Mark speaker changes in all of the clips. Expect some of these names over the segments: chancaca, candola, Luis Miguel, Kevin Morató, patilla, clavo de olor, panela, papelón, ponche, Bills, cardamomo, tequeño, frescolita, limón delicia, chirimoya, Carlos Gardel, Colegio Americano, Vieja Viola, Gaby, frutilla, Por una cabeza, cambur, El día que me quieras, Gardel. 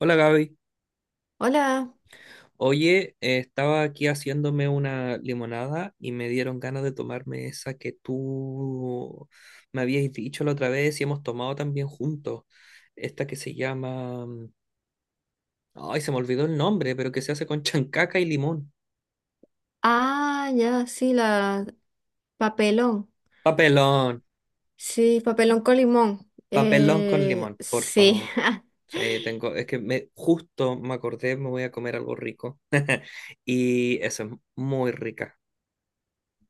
Speaker 1: Hola Gaby.
Speaker 2: Hola.
Speaker 1: Oye, estaba aquí haciéndome una limonada y me dieron ganas de tomarme esa que tú me habías dicho la otra vez y hemos tomado también juntos. Esta que se llama. Ay, se me olvidó el nombre, pero que se hace con chancaca y limón.
Speaker 2: Ah, ya, sí, la papelón.
Speaker 1: Papelón,
Speaker 2: Sí, papelón con limón.
Speaker 1: papelón con limón, por
Speaker 2: Sí.
Speaker 1: favor. Sí, tengo, es que me, justo me acordé, me voy a comer algo rico y esa es muy rica.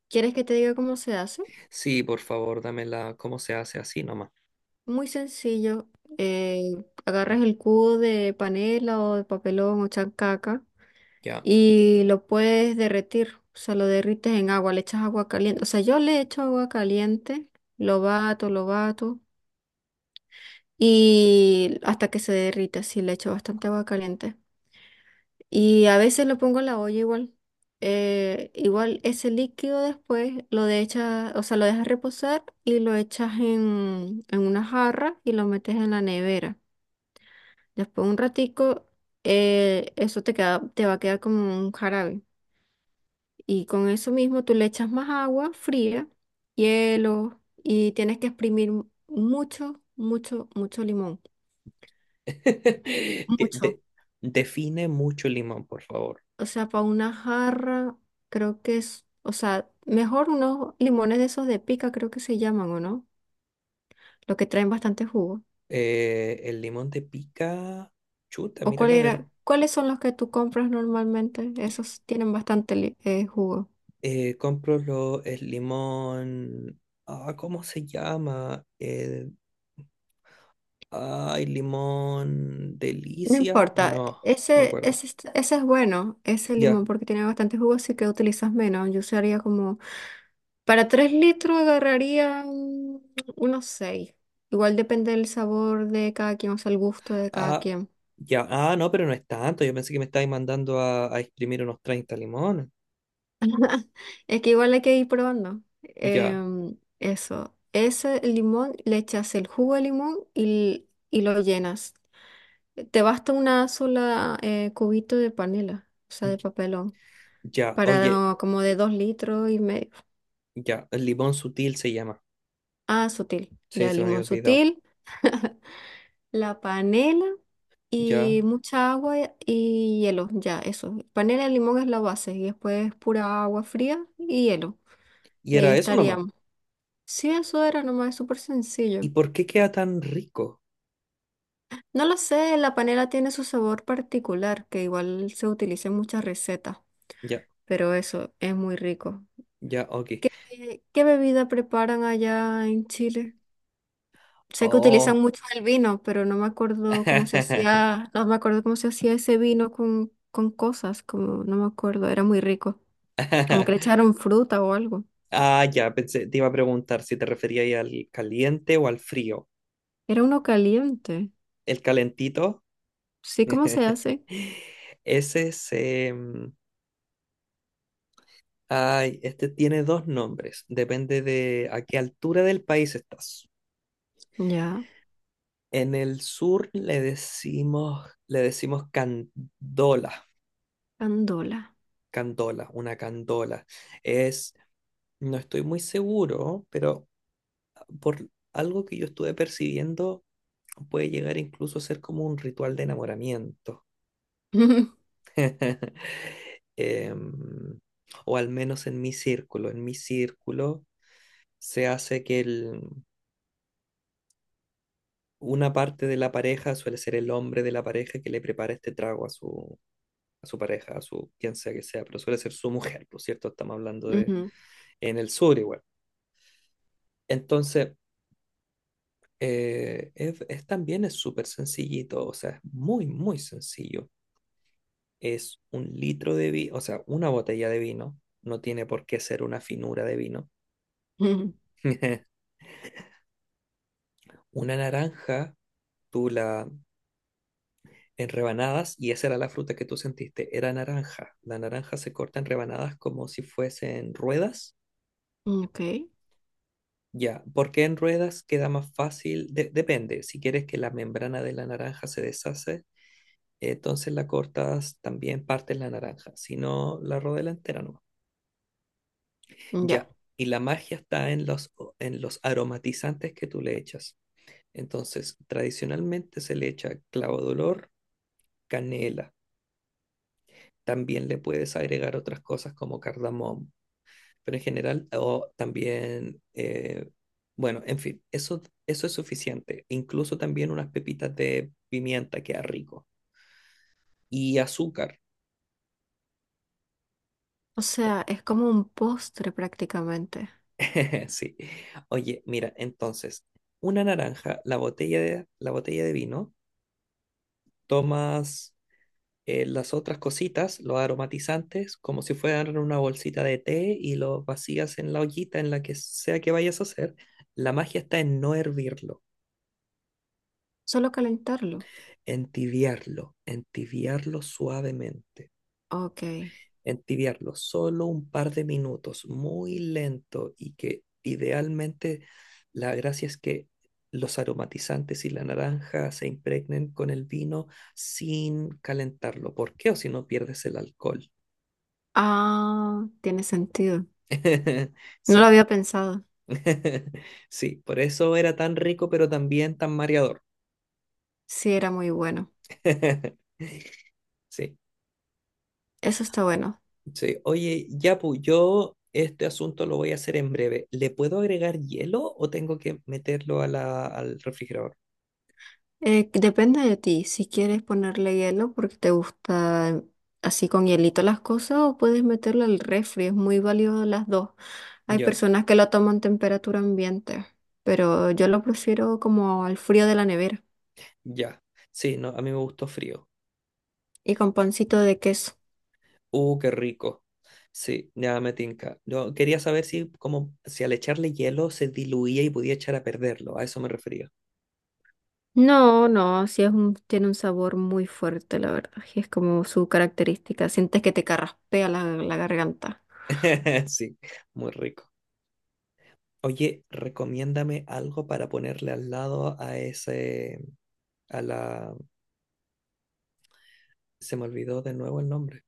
Speaker 2: ¿Quieres que te diga cómo se hace?
Speaker 1: Sí, por favor, dámela, ¿cómo se hace así nomás?
Speaker 2: Muy sencillo. Eh, Agarras el cubo de panela o de papelón o chancaca
Speaker 1: Ya.
Speaker 2: y lo puedes derretir. O sea, lo derrites en agua, le echas agua caliente. O sea, yo le echo agua caliente, lo bato y hasta que se derrita, sí, le echo bastante agua caliente. Y a veces lo pongo en la olla igual. Igual ese líquido después lo dejas, o sea, lo dejas reposar y lo echas en una jarra y lo metes en la nevera. Después un ratico, eso te queda, te va a quedar como un jarabe. Y con eso mismo tú le echas más agua fría, hielo y tienes que exprimir mucho, mucho, mucho limón.
Speaker 1: Que
Speaker 2: Mucho.
Speaker 1: define mucho el limón, por favor.
Speaker 2: O sea, para una jarra, creo que es, o sea, mejor unos limones de esos de pica, creo que se llaman, ¿o no? Los que traen bastante jugo.
Speaker 1: El limón de pica, chuta,
Speaker 2: ¿O
Speaker 1: mira
Speaker 2: cuál
Speaker 1: la verdad
Speaker 2: era, cuáles son los que tú compras normalmente? Esos tienen bastante jugo.
Speaker 1: Eh, Compro el limón, ah, ¿cómo se llama? El, ay, limón
Speaker 2: No
Speaker 1: delicia,
Speaker 2: importa,
Speaker 1: no, me
Speaker 2: ese,
Speaker 1: acuerdo.
Speaker 2: ese, es- ese es bueno, ese
Speaker 1: Ya,
Speaker 2: limón, porque tiene bastante jugo, así que utilizas menos. Yo usaría como, para 3 litros agarraría unos 6. Igual depende del sabor de cada quien, o sea, el gusto de cada
Speaker 1: ah,
Speaker 2: quien.
Speaker 1: ya, ah, no, pero no es tanto. Yo pensé que me estabais mandando a exprimir unos 30 limones.
Speaker 2: Es que igual hay que ir probando.
Speaker 1: Ya,
Speaker 2: Eso. Ese limón, le echas el jugo de limón y lo llenas. Te basta una sola cubito de panela, o sea, de papelón,
Speaker 1: ya,
Speaker 2: para
Speaker 1: oye,
Speaker 2: no- como de dos litros y medio.
Speaker 1: ya, el limón sutil se llama.
Speaker 2: Ah, sutil.
Speaker 1: Sí,
Speaker 2: Ya,
Speaker 1: se me había
Speaker 2: limón
Speaker 1: olvidado.
Speaker 2: sutil, la panela y
Speaker 1: Ya.
Speaker 2: mucha agua y hielo. Ya, eso. Panela y limón es la base y después pura agua fría y hielo.
Speaker 1: Y
Speaker 2: Y ahí
Speaker 1: era eso nomás.
Speaker 2: estaríamos. Sí, eso era nomás, es súper
Speaker 1: ¿Y
Speaker 2: sencillo.
Speaker 1: por qué queda tan rico?
Speaker 2: No lo sé, la panela tiene su sabor particular, que igual se utiliza en muchas recetas,
Speaker 1: Ya,
Speaker 2: pero eso es muy rico.
Speaker 1: ya, ok.
Speaker 2: ¿Qué bebida preparan allá en Chile? Sé que utilizan
Speaker 1: Oh.
Speaker 2: mucho el vino, pero no me acuerdo cómo se hacía, no me acuerdo cómo se hacía ese vino con cosas, como no me acuerdo, era muy rico. Como que le echaron fruta o algo.
Speaker 1: Ah, ya, pensé, te iba a preguntar si te refería ahí al caliente o al frío.
Speaker 2: Era uno caliente.
Speaker 1: ¿El calentito?
Speaker 2: Sí, ¿cómo se hace?
Speaker 1: Ese se. Ay, este tiene dos nombres. Depende de a qué altura del país estás.
Speaker 2: Ya,
Speaker 1: En el sur le decimos candola,
Speaker 2: candola.
Speaker 1: candola, una candola. Es No estoy muy seguro, pero por algo que yo estuve percibiendo, puede llegar incluso a ser como un ritual de enamoramiento. Em, o al menos en mi círculo. En mi círculo se hace que una parte de la pareja suele ser el hombre de la pareja que le prepara este trago a su pareja, a su quien sea que sea, pero suele ser su mujer, por cierto, estamos hablando de
Speaker 2: Ujú,
Speaker 1: en el sur igual. Entonces, es también es súper sencillito, o sea, es muy, muy sencillo. Es un litro de vino, o sea, una botella de vino, no tiene por qué ser una finura de vino.
Speaker 2: ujú,
Speaker 1: Una naranja, tú la en rebanadas, y esa era la fruta que tú sentiste, era naranja. La naranja se corta en rebanadas como si fuesen ruedas.
Speaker 2: ok,
Speaker 1: Ya, porque en ruedas queda más fácil? Depende, si quieres que la membrana de la naranja se deshace. La cortas también partes la naranja, si no la rodela entera no.
Speaker 2: ya.
Speaker 1: Ya, y la magia está en los aromatizantes que tú le echas. Entonces, tradicionalmente se le echa clavo de olor, canela. También le puedes agregar otras cosas como cardamomo, pero en general, o también, bueno, en fin, eso es suficiente. Incluso también unas pepitas de pimienta queda rico. Y azúcar.
Speaker 2: O sea, es como un postre prácticamente.
Speaker 1: Sí. Oye, mira, entonces, una naranja, la botella de vino, tomas las otras cositas, los aromatizantes, como si fueran una bolsita de té y los vacías en la ollita en la que sea que vayas a hacer. La magia está en no hervirlo,
Speaker 2: Solo calentarlo.
Speaker 1: entibiarlo, entibiarlo suavemente.
Speaker 2: Ok.
Speaker 1: Entibiarlo solo un par de minutos, muy lento y que idealmente la gracia es que los aromatizantes y la naranja se impregnen con el vino sin calentarlo. ¿Por qué? O si no pierdes el alcohol.
Speaker 2: Ah, tiene sentido. No lo
Speaker 1: Sí,
Speaker 2: había pensado.
Speaker 1: sí, por eso era tan rico, pero también tan mareador.
Speaker 2: Sí, era muy bueno.
Speaker 1: Sí,
Speaker 2: Eso está bueno.
Speaker 1: sí. Oye, Yapu, yo este asunto lo voy a hacer en breve. ¿Le puedo agregar hielo o tengo que meterlo a al refrigerador?
Speaker 2: Depende de ti si quieres ponerle hielo porque te gusta así con hielito las cosas o puedes meterlo al refri. Es muy válido las dos. Hay
Speaker 1: Ya,
Speaker 2: personas que lo toman temperatura ambiente, pero yo lo prefiero como al frío de la nevera
Speaker 1: ya. Sí, no, a mí me gustó frío.
Speaker 2: y con pancito de queso.
Speaker 1: Qué rico. Sí, ya me tinca. Yo quería saber si, como, si al echarle hielo se diluía y podía echar a perderlo. A eso me refería.
Speaker 2: No, no, sí es un, tiene un sabor muy fuerte, la verdad. Y es como su característica. Sientes que te carraspea la, la garganta.
Speaker 1: Sí, muy rico. Oye, recomiéndame algo para ponerle al lado a ese, a la, se me olvidó de nuevo el nombre.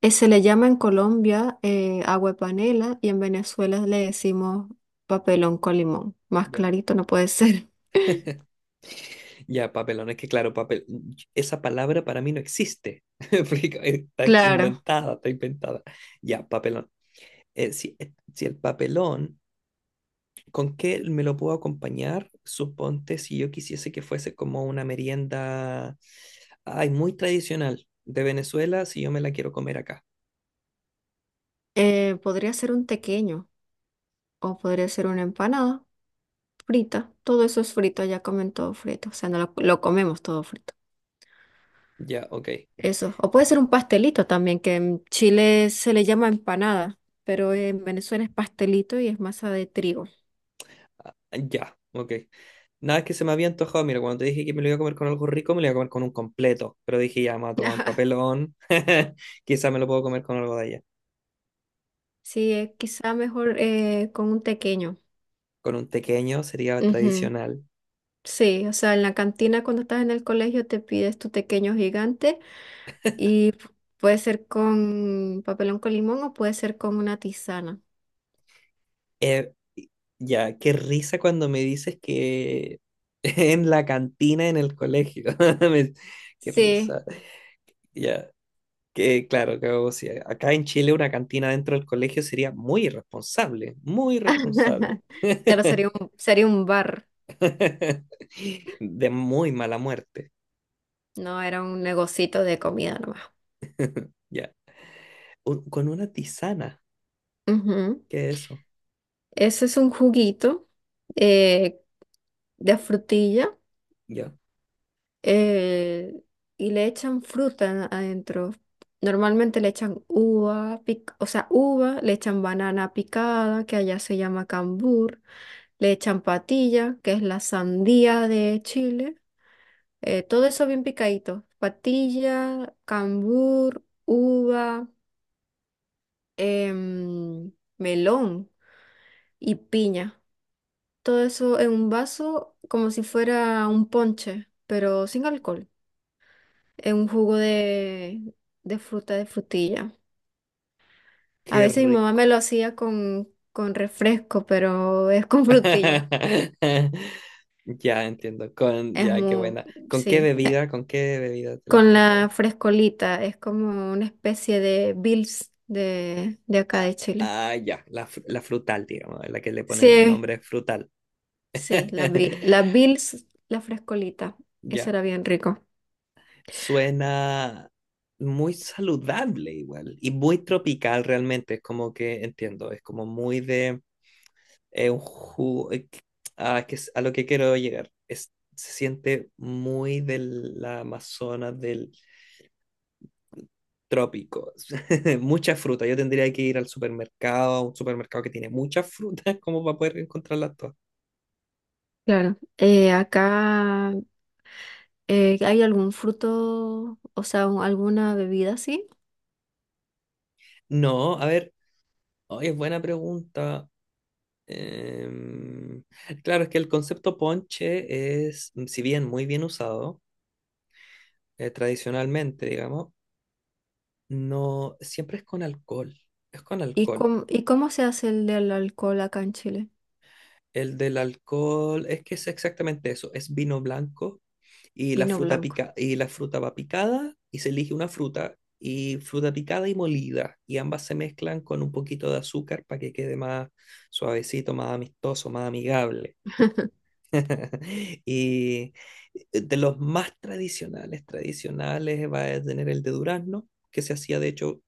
Speaker 2: Se le llama en Colombia agua de panela y en Venezuela le decimos papelón con limón. Más
Speaker 1: Ya,
Speaker 2: clarito no puede ser.
Speaker 1: ya, papelón. Es que claro, papel, esa palabra para mí no existe. Porque está
Speaker 2: Claro,
Speaker 1: inventada, está inventada. Ya, papelón. Si el papelón, ¿con qué me lo puedo acompañar? Suponte si yo quisiese que fuese como una merienda, ay, muy tradicional de Venezuela, si yo me la quiero comer acá.
Speaker 2: podría ser un tequeño o podría ser una empanada frita. Todo eso es frito, ya comen todo frito. O sea, no lo comemos todo frito.
Speaker 1: Ya, ok.
Speaker 2: Eso. O puede ser un pastelito también, que en Chile se le llama empanada, pero en Venezuela es pastelito y es masa de trigo.
Speaker 1: Ya, ok. Nada que se me había antojado. Mira, cuando te dije que me lo iba a comer con algo rico, me lo iba a comer con un completo. Pero dije, ya, me voy a tomar un papelón. Quizá me lo puedo comer con algo de allá.
Speaker 2: Sí, es quizá mejor con un tequeño.
Speaker 1: Con un pequeño sería
Speaker 2: Ujú.
Speaker 1: tradicional.
Speaker 2: Sí, o sea, en la cantina cuando estás en el colegio te pides tu tequeño gigante y puede ser con papelón con limón o puede ser con una tisana.
Speaker 1: Eh, ya, qué risa cuando me dices que en la cantina en el colegio. Me- Qué
Speaker 2: Sí.
Speaker 1: risa. Ya, que claro, que, o sea, acá en Chile una cantina dentro del colegio sería muy irresponsable, muy irresponsable.
Speaker 2: Claro, sería un bar,
Speaker 1: De muy mala muerte.
Speaker 2: no era un negocito de comida nomás.
Speaker 1: Ya. Con una tisana.
Speaker 2: Ujú.
Speaker 1: ¿Qué es eso?
Speaker 2: Ese es un juguito eh, de frutilla
Speaker 1: Ya.
Speaker 2: eh, y le echan fruta adentro. Normalmente le echan uva, pic- o sea, uva, le echan banana picada, que allá se llama cambur, le echan patilla, que es la sandía de Chile. Todo eso bien picadito. Patilla, cambur, uva, em, melón y piña. Todo eso en un vaso como si fuera un ponche, pero sin alcohol, en un jugo de fruta, de frutilla. A
Speaker 1: Qué
Speaker 2: veces mi mamá
Speaker 1: rico.
Speaker 2: me lo hacía con refresco, pero es con frutilla.
Speaker 1: Ya entiendo. Con,
Speaker 2: Es
Speaker 1: ya, qué
Speaker 2: muy,
Speaker 1: buena. ¿Con qué
Speaker 2: sí,
Speaker 1: bebida? ¿Con qué bebida te las
Speaker 2: con
Speaker 1: preparabas?
Speaker 2: la frescolita, es como una especie de Bills de acá
Speaker 1: Ah,
Speaker 2: de Chile.
Speaker 1: ah, ya, la frutal, digamos, la que le ponen
Speaker 2: Sí,
Speaker 1: nombre frutal.
Speaker 2: sí, La Bills, la frescolita, eso
Speaker 1: Ya,
Speaker 2: era bien rico.
Speaker 1: suena muy saludable igual y muy tropical realmente, es como que entiendo, es como muy de un jugo, que es a lo que quiero llegar, se siente muy de la Amazonas del trópico, mucha fruta, yo tendría que ir al supermercado, a un supermercado que tiene muchas frutas como para poder encontrarlas todas.
Speaker 2: Claro, acá. ¿Hay algún fruto, o sea, alguna bebida así?
Speaker 1: No, a ver. Oye, es buena pregunta. Em, claro, es que el concepto ponche es, si bien muy bien usado, tradicionalmente, digamos, no siempre es con alcohol. Es con
Speaker 2: ¿Y
Speaker 1: alcohol.
Speaker 2: cómo, y cómo se hace el del alcohol acá en Chile?
Speaker 1: El del alcohol es que es exactamente eso, es vino blanco y la
Speaker 2: Vino
Speaker 1: fruta
Speaker 2: blanco.
Speaker 1: pica y la fruta va picada y se elige una fruta y fruta picada y molida y ambas se mezclan con un poquito de azúcar para que quede más suavecito, más amistoso, más amigable. Y de los más tradicionales, tradicionales, va a tener el de durazno, que se hacía, de hecho,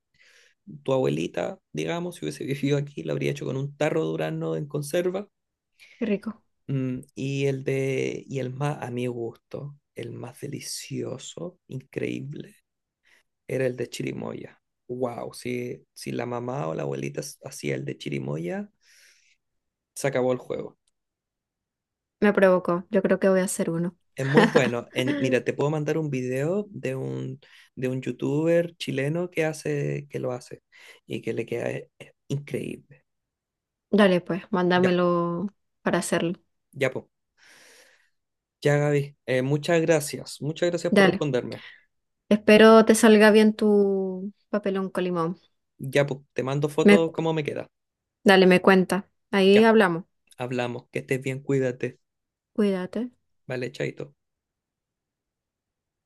Speaker 1: tu abuelita, digamos, si hubiese vivido aquí, lo habría hecho con un tarro de durazno en conserva.
Speaker 2: Qué rico.
Speaker 1: Y el más, a mi gusto, el más delicioso, increíble, era el de chirimoya. Wow, si la mamá o la abuelita hacía el de chirimoya, se acabó el juego.
Speaker 2: Me provocó. Yo creo que voy a hacer uno.
Speaker 1: Es muy bueno. Mira, te puedo mandar un video de un youtuber chileno que lo hace y que le queda increíble.
Speaker 2: Dale, pues,
Speaker 1: Ya,
Speaker 2: mándamelo para hacerlo.
Speaker 1: ya, pues. Ya, Gaby. Muchas gracias. Muchas gracias por
Speaker 2: Dale.
Speaker 1: responderme.
Speaker 2: Espero te salga bien tu papelón con limón.
Speaker 1: Ya, pues, te mando
Speaker 2: Me,
Speaker 1: fotos cómo me queda.
Speaker 2: dale, me cuenta. Ahí
Speaker 1: Ya,
Speaker 2: hablamos.
Speaker 1: hablamos. Que estés bien, cuídate.
Speaker 2: Cuídate.
Speaker 1: Vale, chaito.